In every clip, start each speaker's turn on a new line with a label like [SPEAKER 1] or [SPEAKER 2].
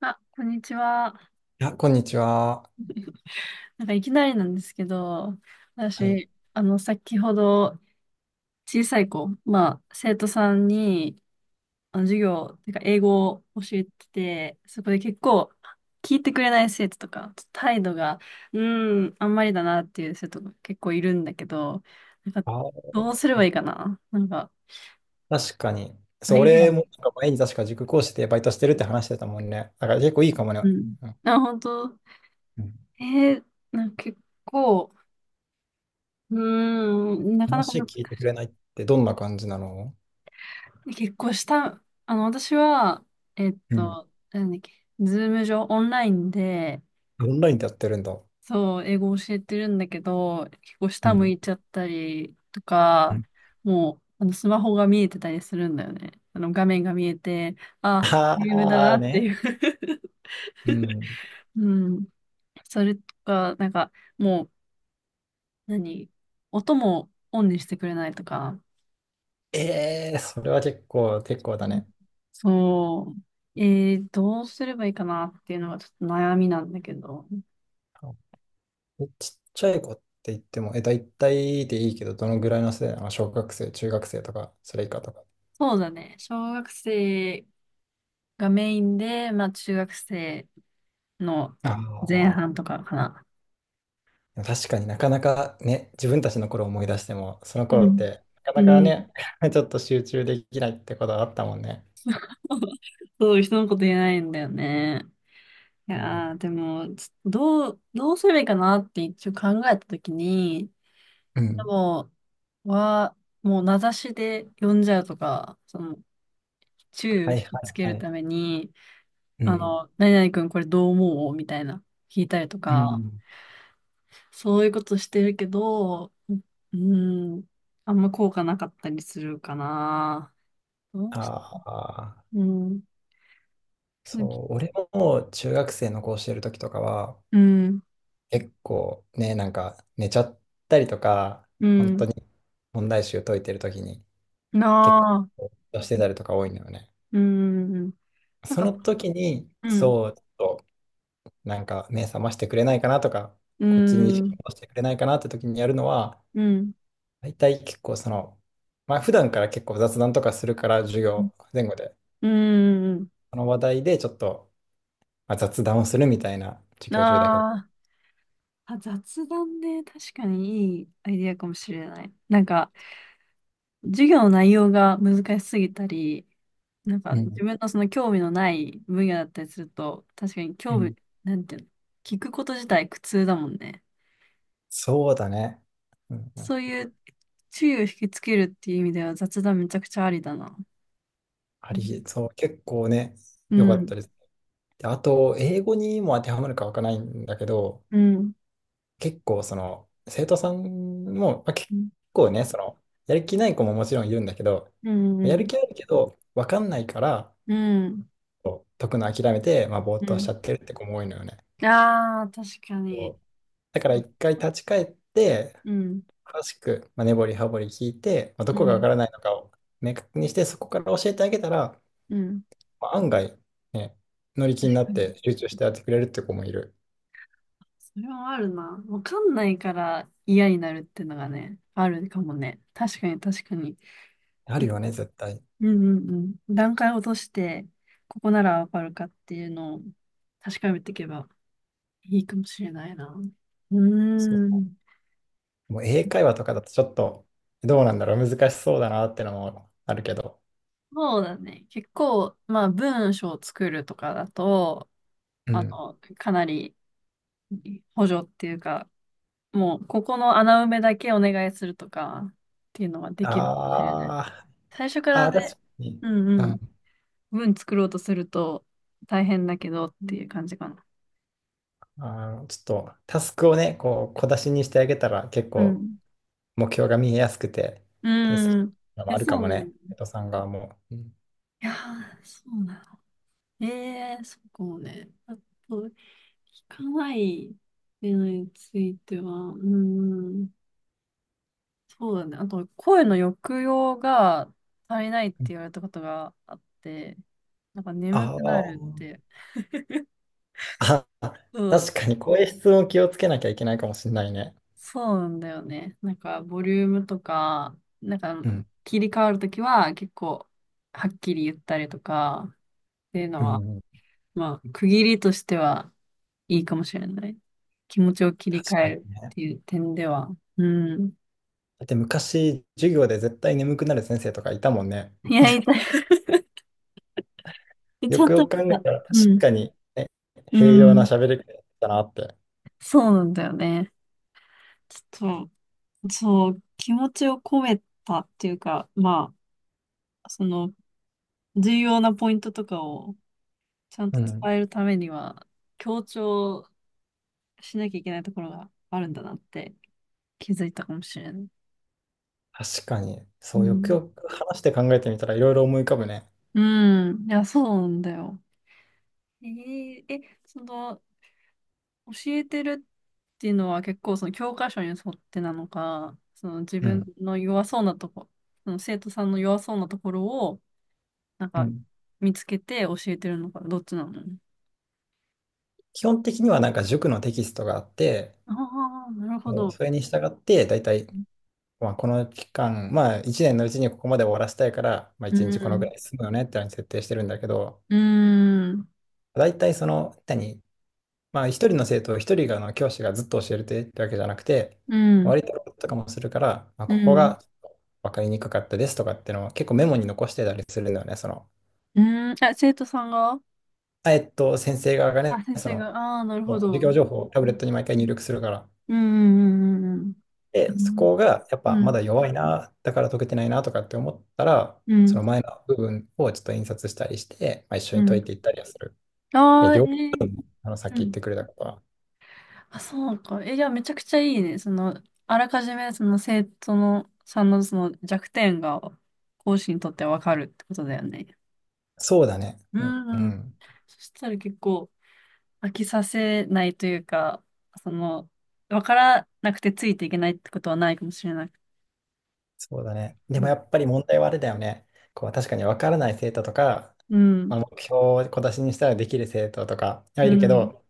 [SPEAKER 1] あ、こんにちは。
[SPEAKER 2] いや、こんにちは。
[SPEAKER 1] なんかいきなりなんですけど、
[SPEAKER 2] はい。
[SPEAKER 1] 私、先ほど小さい子、まあ、生徒さんに、授業、てか英語を教えてて、そこで結構、聞いてくれない生徒とか、態度が、あんまりだなっていう生徒が結構いるんだけど、なんか、
[SPEAKER 2] あ、
[SPEAKER 1] どうすればいいかななんか、
[SPEAKER 2] 確かに。そ
[SPEAKER 1] あ、
[SPEAKER 2] う、
[SPEAKER 1] いるや
[SPEAKER 2] 俺
[SPEAKER 1] ん。
[SPEAKER 2] もなんか前に確か塾講師でバイトしてるって話してたもんね。だから結構いいかもね。
[SPEAKER 1] うん。
[SPEAKER 2] うん。
[SPEAKER 1] あ、本当
[SPEAKER 2] うん。
[SPEAKER 1] えー、なんか結構、なかなか
[SPEAKER 2] 話
[SPEAKER 1] 難
[SPEAKER 2] 聞いて
[SPEAKER 1] し
[SPEAKER 2] く
[SPEAKER 1] い。
[SPEAKER 2] れないってどんな感じなの？
[SPEAKER 1] 結構した、私は、えっ
[SPEAKER 2] うん。
[SPEAKER 1] と、なんだっけ、ズーム上、オンラインで、
[SPEAKER 2] オンラインでやってるんだ。
[SPEAKER 1] そう、英語教えてるんだけど、結構
[SPEAKER 2] う
[SPEAKER 1] 下向
[SPEAKER 2] ん。
[SPEAKER 1] いちゃったりと
[SPEAKER 2] う
[SPEAKER 1] か、
[SPEAKER 2] ん。
[SPEAKER 1] もう、スマホが見えてたりするんだよね。あの、画面が見えて、あ、ゲームだ
[SPEAKER 2] あ
[SPEAKER 1] な
[SPEAKER 2] あ
[SPEAKER 1] って
[SPEAKER 2] ね。
[SPEAKER 1] いう
[SPEAKER 2] うん。
[SPEAKER 1] うん。それとか、なんか、もう、何音もオンにしてくれないとか。
[SPEAKER 2] ええ、それは結構、結構だ
[SPEAKER 1] うん、
[SPEAKER 2] ね。
[SPEAKER 1] そう。どうすればいいかなっていうのがちょっと悩みなんだけど。
[SPEAKER 2] あ、えちっちゃい子って言っても、え、大体でいいけど、どのぐらいの世代なの？小学生、中学生とか、それ以下とか。
[SPEAKER 1] そうだね。小学生がメインで、まあ中学生の
[SPEAKER 2] あ
[SPEAKER 1] 前
[SPEAKER 2] あ。
[SPEAKER 1] 半とかかな。
[SPEAKER 2] 確かになかなかね、自分たちの頃を思い出しても、その
[SPEAKER 1] う
[SPEAKER 2] 頃っ
[SPEAKER 1] ん。
[SPEAKER 2] て、な か
[SPEAKER 1] う
[SPEAKER 2] なか
[SPEAKER 1] ん。
[SPEAKER 2] ね、ちょっと集中できないってことはあったもんね。
[SPEAKER 1] そう、人のこと言えないんだよね。い
[SPEAKER 2] うん。
[SPEAKER 1] やー、でも、ちょっとどう、どうすればいいかなって一応考えたときに、
[SPEAKER 2] う
[SPEAKER 1] で
[SPEAKER 2] ん。
[SPEAKER 1] も、は、もう名指しで呼んじゃうとか、その、注意を引
[SPEAKER 2] はい
[SPEAKER 1] き
[SPEAKER 2] は
[SPEAKER 1] つ
[SPEAKER 2] い
[SPEAKER 1] け
[SPEAKER 2] は
[SPEAKER 1] る
[SPEAKER 2] い。
[SPEAKER 1] ために、
[SPEAKER 2] うん。
[SPEAKER 1] 何々君これどう思うみたいな、聞いたりと
[SPEAKER 2] う
[SPEAKER 1] か、
[SPEAKER 2] ん。
[SPEAKER 1] そういうことしてるけど、うん、あんま効果なかったりするかな。どうし
[SPEAKER 2] ああ、
[SPEAKER 1] うん、鈴木
[SPEAKER 2] そう、俺も中学生の子をしてる時とかは、
[SPEAKER 1] うん、
[SPEAKER 2] 結構ね、なんか寝ちゃったりとか、
[SPEAKER 1] う
[SPEAKER 2] 本当
[SPEAKER 1] ん、
[SPEAKER 2] 問題集解いてる時に
[SPEAKER 1] な
[SPEAKER 2] 結構
[SPEAKER 1] あ、
[SPEAKER 2] 出してたりとか多いんだよね。
[SPEAKER 1] うん、なん
[SPEAKER 2] そ
[SPEAKER 1] か、
[SPEAKER 2] の時に、
[SPEAKER 1] うん、
[SPEAKER 2] そう、ちょっなんか目覚ましてくれないかなとか、
[SPEAKER 1] う
[SPEAKER 2] こっちに意識を
[SPEAKER 1] ん、
[SPEAKER 2] 戻してくれないかなって時にやるのは、
[SPEAKER 1] うん、
[SPEAKER 2] 大体結構その、まあ普段から結構雑談とかするから、授業前後で、
[SPEAKER 1] うん、
[SPEAKER 2] その話題でちょっと、まあ、雑談をするみたいな授業中だけど。
[SPEAKER 1] なあ、あ、雑談ね、確かにいいアイディアかもしれない。なんか、授業の内容が難しすぎたり、なんか
[SPEAKER 2] う
[SPEAKER 1] 自
[SPEAKER 2] ん、
[SPEAKER 1] 分のその興味のない分野だったりすると、確かに
[SPEAKER 2] う
[SPEAKER 1] 興味、
[SPEAKER 2] ん。
[SPEAKER 1] なんていうの、聞くこと自体苦痛だもんね。
[SPEAKER 2] そうだね。うん。うん。
[SPEAKER 1] そういう注意を引きつけるっていう意味では雑談めちゃくちゃありだな。
[SPEAKER 2] あ
[SPEAKER 1] う
[SPEAKER 2] り、
[SPEAKER 1] ん。
[SPEAKER 2] そう、結構ね、
[SPEAKER 1] う
[SPEAKER 2] 良かっ
[SPEAKER 1] ん。
[SPEAKER 2] たです。であと、英語にも当てはまるかわからないんだけど、
[SPEAKER 1] うん。
[SPEAKER 2] 結構その生徒さんも、まあ、結
[SPEAKER 1] うん。
[SPEAKER 2] 構ね、そのやる気ない子ももちろんいるんだけど、やる気あるけど分かんないから
[SPEAKER 1] うん。
[SPEAKER 2] こう解くの諦めて、まあ、ぼーっ
[SPEAKER 1] う
[SPEAKER 2] としち
[SPEAKER 1] ん。
[SPEAKER 2] ゃってるって子も多いのよね。
[SPEAKER 1] ああー、確かに。
[SPEAKER 2] こうだか
[SPEAKER 1] そ
[SPEAKER 2] ら
[SPEAKER 1] う。
[SPEAKER 2] 一回立ち返って
[SPEAKER 1] うん。
[SPEAKER 2] 詳しく、まあ、根掘り葉掘り聞いて、まあ、ど
[SPEAKER 1] う
[SPEAKER 2] こが分
[SPEAKER 1] ん。
[SPEAKER 2] からないのかを明確にしてそこから教えてあげたら、
[SPEAKER 1] うん。
[SPEAKER 2] まあ、案外、ね、乗り気に
[SPEAKER 1] 確
[SPEAKER 2] な
[SPEAKER 1] か
[SPEAKER 2] っ
[SPEAKER 1] に。
[SPEAKER 2] て集中してやってくれるって子もいる。
[SPEAKER 1] それはあるな。わかんないから嫌になるってのがね、あるかもね。確かに確かに。
[SPEAKER 2] ある
[SPEAKER 1] い、
[SPEAKER 2] よね、絶対。
[SPEAKER 1] うん、うん、うん。段階を落として、ここならわかるかっていうのを確かめていけばいいかもしれないな。う
[SPEAKER 2] そ
[SPEAKER 1] ー
[SPEAKER 2] う、
[SPEAKER 1] ん。
[SPEAKER 2] もう英会話とかだとちょっとどうなんだろう、難しそうだなってのもあるけど。
[SPEAKER 1] そうだね。結構、まあ文章を作るとかだと、
[SPEAKER 2] うん。
[SPEAKER 1] かなり補助っていうか、もうここの穴埋めだけお願いするとかっていうのはできるかもしれない。
[SPEAKER 2] あー、
[SPEAKER 1] 最初か
[SPEAKER 2] あ
[SPEAKER 1] ら
[SPEAKER 2] ー、確
[SPEAKER 1] ね、
[SPEAKER 2] かに。
[SPEAKER 1] うん、
[SPEAKER 2] う
[SPEAKER 1] うん、
[SPEAKER 2] ん、
[SPEAKER 1] 文作ろうとすると大変だけどっていう感じかな。
[SPEAKER 2] あの、ちょっとタスクをね、こう小出しにしてあげたら結
[SPEAKER 1] う
[SPEAKER 2] 構
[SPEAKER 1] ん。
[SPEAKER 2] 目標が見えやすくて、
[SPEAKER 1] う
[SPEAKER 2] 手つき
[SPEAKER 1] ん。
[SPEAKER 2] の
[SPEAKER 1] い
[SPEAKER 2] もあ
[SPEAKER 1] や、
[SPEAKER 2] るか
[SPEAKER 1] そう
[SPEAKER 2] も
[SPEAKER 1] なの。
[SPEAKER 2] ね、
[SPEAKER 1] い
[SPEAKER 2] 江戸さんがもう。うん。
[SPEAKER 1] やー、そうなの。ええー、そうかもね。あと、聞かないっていうのについては、うん、そうだね。あと、声の抑揚が足りないって
[SPEAKER 2] うん。
[SPEAKER 1] 言われたことがあって、なんか
[SPEAKER 2] あ
[SPEAKER 1] 眠くな
[SPEAKER 2] ー、
[SPEAKER 1] るって。
[SPEAKER 2] あ、
[SPEAKER 1] そう ん、
[SPEAKER 2] 確かにこういう質問気をつけなきゃいけないかもしれないね。
[SPEAKER 1] そうなんだよね。なんか、ボリュームとか、なん
[SPEAKER 2] う
[SPEAKER 1] か、
[SPEAKER 2] ん。
[SPEAKER 1] 切り替わるときは結構、はっきり言ったりとか、っていうの
[SPEAKER 2] う
[SPEAKER 1] は、
[SPEAKER 2] ん、
[SPEAKER 1] まあ、区切りとしてはいいかもしれない。気持ちを切り替
[SPEAKER 2] 確か
[SPEAKER 1] える
[SPEAKER 2] に
[SPEAKER 1] っ
[SPEAKER 2] ね。
[SPEAKER 1] ていう点では。うん。
[SPEAKER 2] だって昔授業で絶対眠くなる先生とかいたもんね。
[SPEAKER 1] いや、痛い。
[SPEAKER 2] よ
[SPEAKER 1] ちょっ
[SPEAKER 2] くよ
[SPEAKER 1] と、
[SPEAKER 2] く考えたら、確
[SPEAKER 1] うん。
[SPEAKER 2] かに、ね、
[SPEAKER 1] う
[SPEAKER 2] 平洋な
[SPEAKER 1] ん。
[SPEAKER 2] 喋り方だったなって。
[SPEAKER 1] そうなんだよね。ちょっと、そう、気持ちを込めたっていうか、まあ、その、重要なポイントとかをちゃん
[SPEAKER 2] う
[SPEAKER 1] と
[SPEAKER 2] ん。
[SPEAKER 1] 伝えるためには、強調しなきゃいけないところがあるんだなって気づいたかもしれない。
[SPEAKER 2] 確かに、
[SPEAKER 1] う
[SPEAKER 2] そう、よく
[SPEAKER 1] ん。
[SPEAKER 2] よく話して考えてみたらいろいろ思い浮かぶね。
[SPEAKER 1] うん。いや、そうなんだよ。えーえ、その、教えてるっていうのは結構その教科書に沿ってなのか、その自
[SPEAKER 2] う
[SPEAKER 1] 分
[SPEAKER 2] ん。
[SPEAKER 1] の弱そうなとこ、その生徒さんの弱そうなところを、なん
[SPEAKER 2] う
[SPEAKER 1] か
[SPEAKER 2] ん。
[SPEAKER 1] 見つけて教えてるのか、どっちなの
[SPEAKER 2] 基本的にはなんか塾のテキストがあって、
[SPEAKER 1] ああ、なるほ
[SPEAKER 2] もう
[SPEAKER 1] ど。
[SPEAKER 2] それに従って、だいたい、まあ、この期間、まあ1年のうちにここまで終わらせたいから、まあ
[SPEAKER 1] う
[SPEAKER 2] 1日このぐ
[SPEAKER 1] ん。
[SPEAKER 2] らい進むよねってのに設定してるんだけど、
[SPEAKER 1] うん。うん。
[SPEAKER 2] だいたいその、何、まあ、一人があの教師がずっと教えてってわけじゃなくて、
[SPEAKER 1] うん。
[SPEAKER 2] 割ととかもするから、まあ、
[SPEAKER 1] う
[SPEAKER 2] ここ
[SPEAKER 1] ん。
[SPEAKER 2] が分かりにくかったですとかっていうのを結構メモに残してたりするんだよね。その、
[SPEAKER 1] うん、あ、生徒さんが
[SPEAKER 2] あ、えっと、先生側がね、
[SPEAKER 1] あ、先
[SPEAKER 2] そ
[SPEAKER 1] 生が、
[SPEAKER 2] の、
[SPEAKER 1] ああ、なるほ
[SPEAKER 2] もう
[SPEAKER 1] ど。
[SPEAKER 2] 授
[SPEAKER 1] う
[SPEAKER 2] 業
[SPEAKER 1] ん、
[SPEAKER 2] 情報をタブレットに毎回入力するから。
[SPEAKER 1] うん、うん、う
[SPEAKER 2] で、そ
[SPEAKER 1] ん、
[SPEAKER 2] こがやっぱ
[SPEAKER 1] う
[SPEAKER 2] まだ
[SPEAKER 1] ん。
[SPEAKER 2] 弱いな、だから解けてないなとかって思ったら、
[SPEAKER 1] う
[SPEAKER 2] そ
[SPEAKER 1] ん、
[SPEAKER 2] の前の部分をちょっと印刷したりして、まあ、一
[SPEAKER 1] う
[SPEAKER 2] 緒に
[SPEAKER 1] ん、う
[SPEAKER 2] 解
[SPEAKER 1] ん。
[SPEAKER 2] いていったりはする。い
[SPEAKER 1] あ
[SPEAKER 2] や、
[SPEAKER 1] あー、
[SPEAKER 2] 両方、あのさっき
[SPEAKER 1] う
[SPEAKER 2] 言って
[SPEAKER 1] ん。
[SPEAKER 2] くれたことは。
[SPEAKER 1] あ、そうか。え、じゃあめちゃくちゃいいね。その、あらかじめその生徒のさんのその弱点が講師にとってわかるってことだよね。
[SPEAKER 2] そうだね。
[SPEAKER 1] う
[SPEAKER 2] うん、う
[SPEAKER 1] ん、うん。
[SPEAKER 2] ん。
[SPEAKER 1] そしたら結構飽きさせないというか、その、わからなくてついていけないってことはないかもしれない。
[SPEAKER 2] そうだね。
[SPEAKER 1] う
[SPEAKER 2] でもや
[SPEAKER 1] ん。
[SPEAKER 2] っぱり問題はあれだよね。こう確かに分からない生徒とか、
[SPEAKER 1] うん。
[SPEAKER 2] まあ、目標を小出しにしたらできる生徒とかは
[SPEAKER 1] う
[SPEAKER 2] いるけ
[SPEAKER 1] ん。
[SPEAKER 2] ど、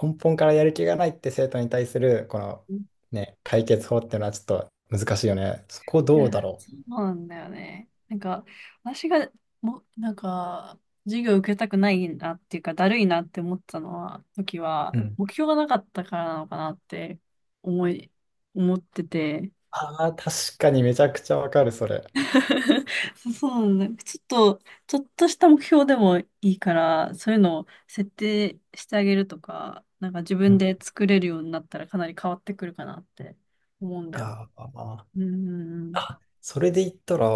[SPEAKER 2] 根本からやる気がないって生徒に対するこの、ね、解決法っていうのはちょっと難しいよね。そこ
[SPEAKER 1] い
[SPEAKER 2] ど
[SPEAKER 1] や、
[SPEAKER 2] うだろ
[SPEAKER 1] そうなんだよね。なんか、私が、も、なんか、授業受けたくないなっていうか、だるいなって思ったのは、時
[SPEAKER 2] う。
[SPEAKER 1] は、
[SPEAKER 2] うん。
[SPEAKER 1] 目標がなかったからなのかなって思い、思ってて。
[SPEAKER 2] ああ、確かにめちゃくちゃ分かる、それ。
[SPEAKER 1] そうなんだ。ちょっとした目標でもいいから、そういうのを設定してあげるとか、なんか自
[SPEAKER 2] う
[SPEAKER 1] 分
[SPEAKER 2] ん。
[SPEAKER 1] で作れるようになったらかなり変わってくるかなって思うんだよ。
[SPEAKER 2] ああ、
[SPEAKER 1] うん、
[SPEAKER 2] あ、それで言ったら、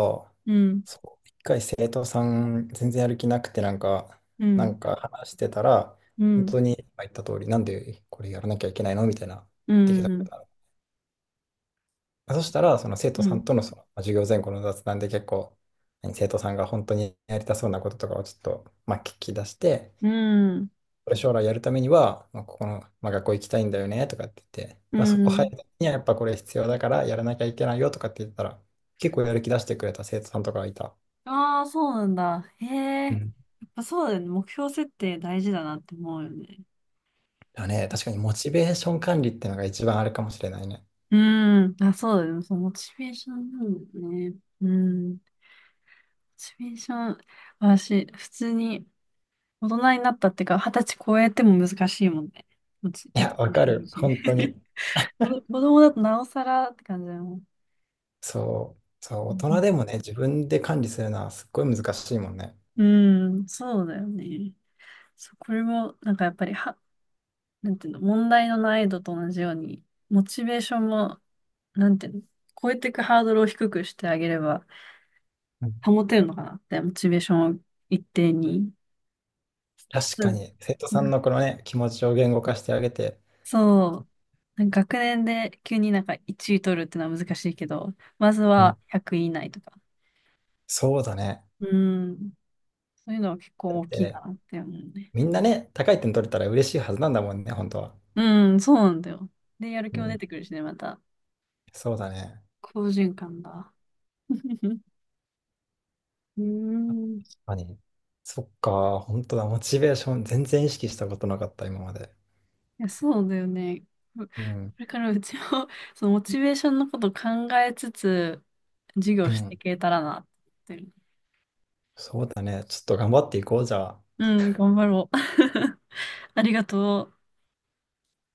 [SPEAKER 1] うん、
[SPEAKER 2] そう、一回生徒さん全然やる気なくてなんか、
[SPEAKER 1] うん、う
[SPEAKER 2] なん
[SPEAKER 1] ん、
[SPEAKER 2] か話してたら、
[SPEAKER 1] うん、う
[SPEAKER 2] 本
[SPEAKER 1] ん。
[SPEAKER 2] 当に今言った通り、なんでこれやらなきゃいけないのみたいな言っ
[SPEAKER 1] う
[SPEAKER 2] てきた
[SPEAKER 1] ん、
[SPEAKER 2] の。そしたら、その生徒
[SPEAKER 1] う
[SPEAKER 2] さ
[SPEAKER 1] ん。
[SPEAKER 2] んとの、そのまあ授業前後の雑談で結構、何生徒さんが本当にやりたそうなこととかをちょっと、まあ、聞き出して、
[SPEAKER 1] うん。
[SPEAKER 2] これ将来やるためには、まあ、ここの、まあ、学校行きたいんだよねとかって言って、
[SPEAKER 1] う
[SPEAKER 2] まあ、そこ入
[SPEAKER 1] ん。
[SPEAKER 2] るにはやっぱこれ必要だからやらなきゃいけないよとかって言ったら、結構やる気出してくれた生徒さんとかがいた。
[SPEAKER 1] ああ、そうなんだ。へえ。や
[SPEAKER 2] うん。
[SPEAKER 1] っぱそうだよね。目標設定大事だなって思うよね。
[SPEAKER 2] だね、確かにモチベーション管理ってのが一番あれかもしれないね。
[SPEAKER 1] うん。あ、そうだよね。そう、モチベーションなんだよね。うん。モチベーション、私、普通に大人になったっていうか、二十歳超えても難しいもんね。
[SPEAKER 2] い
[SPEAKER 1] モ
[SPEAKER 2] や、
[SPEAKER 1] チ
[SPEAKER 2] わ
[SPEAKER 1] ベーシ
[SPEAKER 2] か
[SPEAKER 1] ョン維
[SPEAKER 2] る。
[SPEAKER 1] 持
[SPEAKER 2] 本当 に。
[SPEAKER 1] 子供子供だとなおさらって感じだよ。
[SPEAKER 2] そう。そう、大人でも
[SPEAKER 1] う
[SPEAKER 2] ね、自分で管理するのはすっごい難しいもんね。
[SPEAKER 1] ん、うん、そうだよね。そう、これも、なんかやっぱりは、なんていうの、問題の難易度と同じように、モチベーションも、なんていうの、超えていくハードルを低くしてあげれば、
[SPEAKER 2] うん。
[SPEAKER 1] 保てるのかなって、モチベーションを一定に。
[SPEAKER 2] 確
[SPEAKER 1] う
[SPEAKER 2] か
[SPEAKER 1] ん、
[SPEAKER 2] に、生徒さんのこのね、気持ちを言語化してあげて、
[SPEAKER 1] そう。なんか学年で急になんか1位取るってのは難しいけど、まず
[SPEAKER 2] うん。
[SPEAKER 1] は100位以内とか。
[SPEAKER 2] そうだね。
[SPEAKER 1] うん。そういうのは結構
[SPEAKER 2] だっ
[SPEAKER 1] 大きいか
[SPEAKER 2] て
[SPEAKER 1] なって思うね。
[SPEAKER 2] みんなね、高い点取れたら嬉しいはずなんだもんね、本当は。
[SPEAKER 1] うん、そうなんだよ。で、やる
[SPEAKER 2] う
[SPEAKER 1] 気も出
[SPEAKER 2] ん。
[SPEAKER 1] てくるしね、また。
[SPEAKER 2] そうだね。
[SPEAKER 1] 好循環だ。うん。
[SPEAKER 2] 確かに。そっか、本当だ。モチベーション全然意識したことなかった、今まで。
[SPEAKER 1] いや、そうだよね。う こ
[SPEAKER 2] うん。
[SPEAKER 1] れからうちも、そのモチベーションのこと考えつつ、授業
[SPEAKER 2] う
[SPEAKER 1] してい
[SPEAKER 2] ん。
[SPEAKER 1] けたらなって思ってる。
[SPEAKER 2] そうだね。ちょっと頑張っていこう、じゃあ。
[SPEAKER 1] うん、頑張ろう。ありがとう。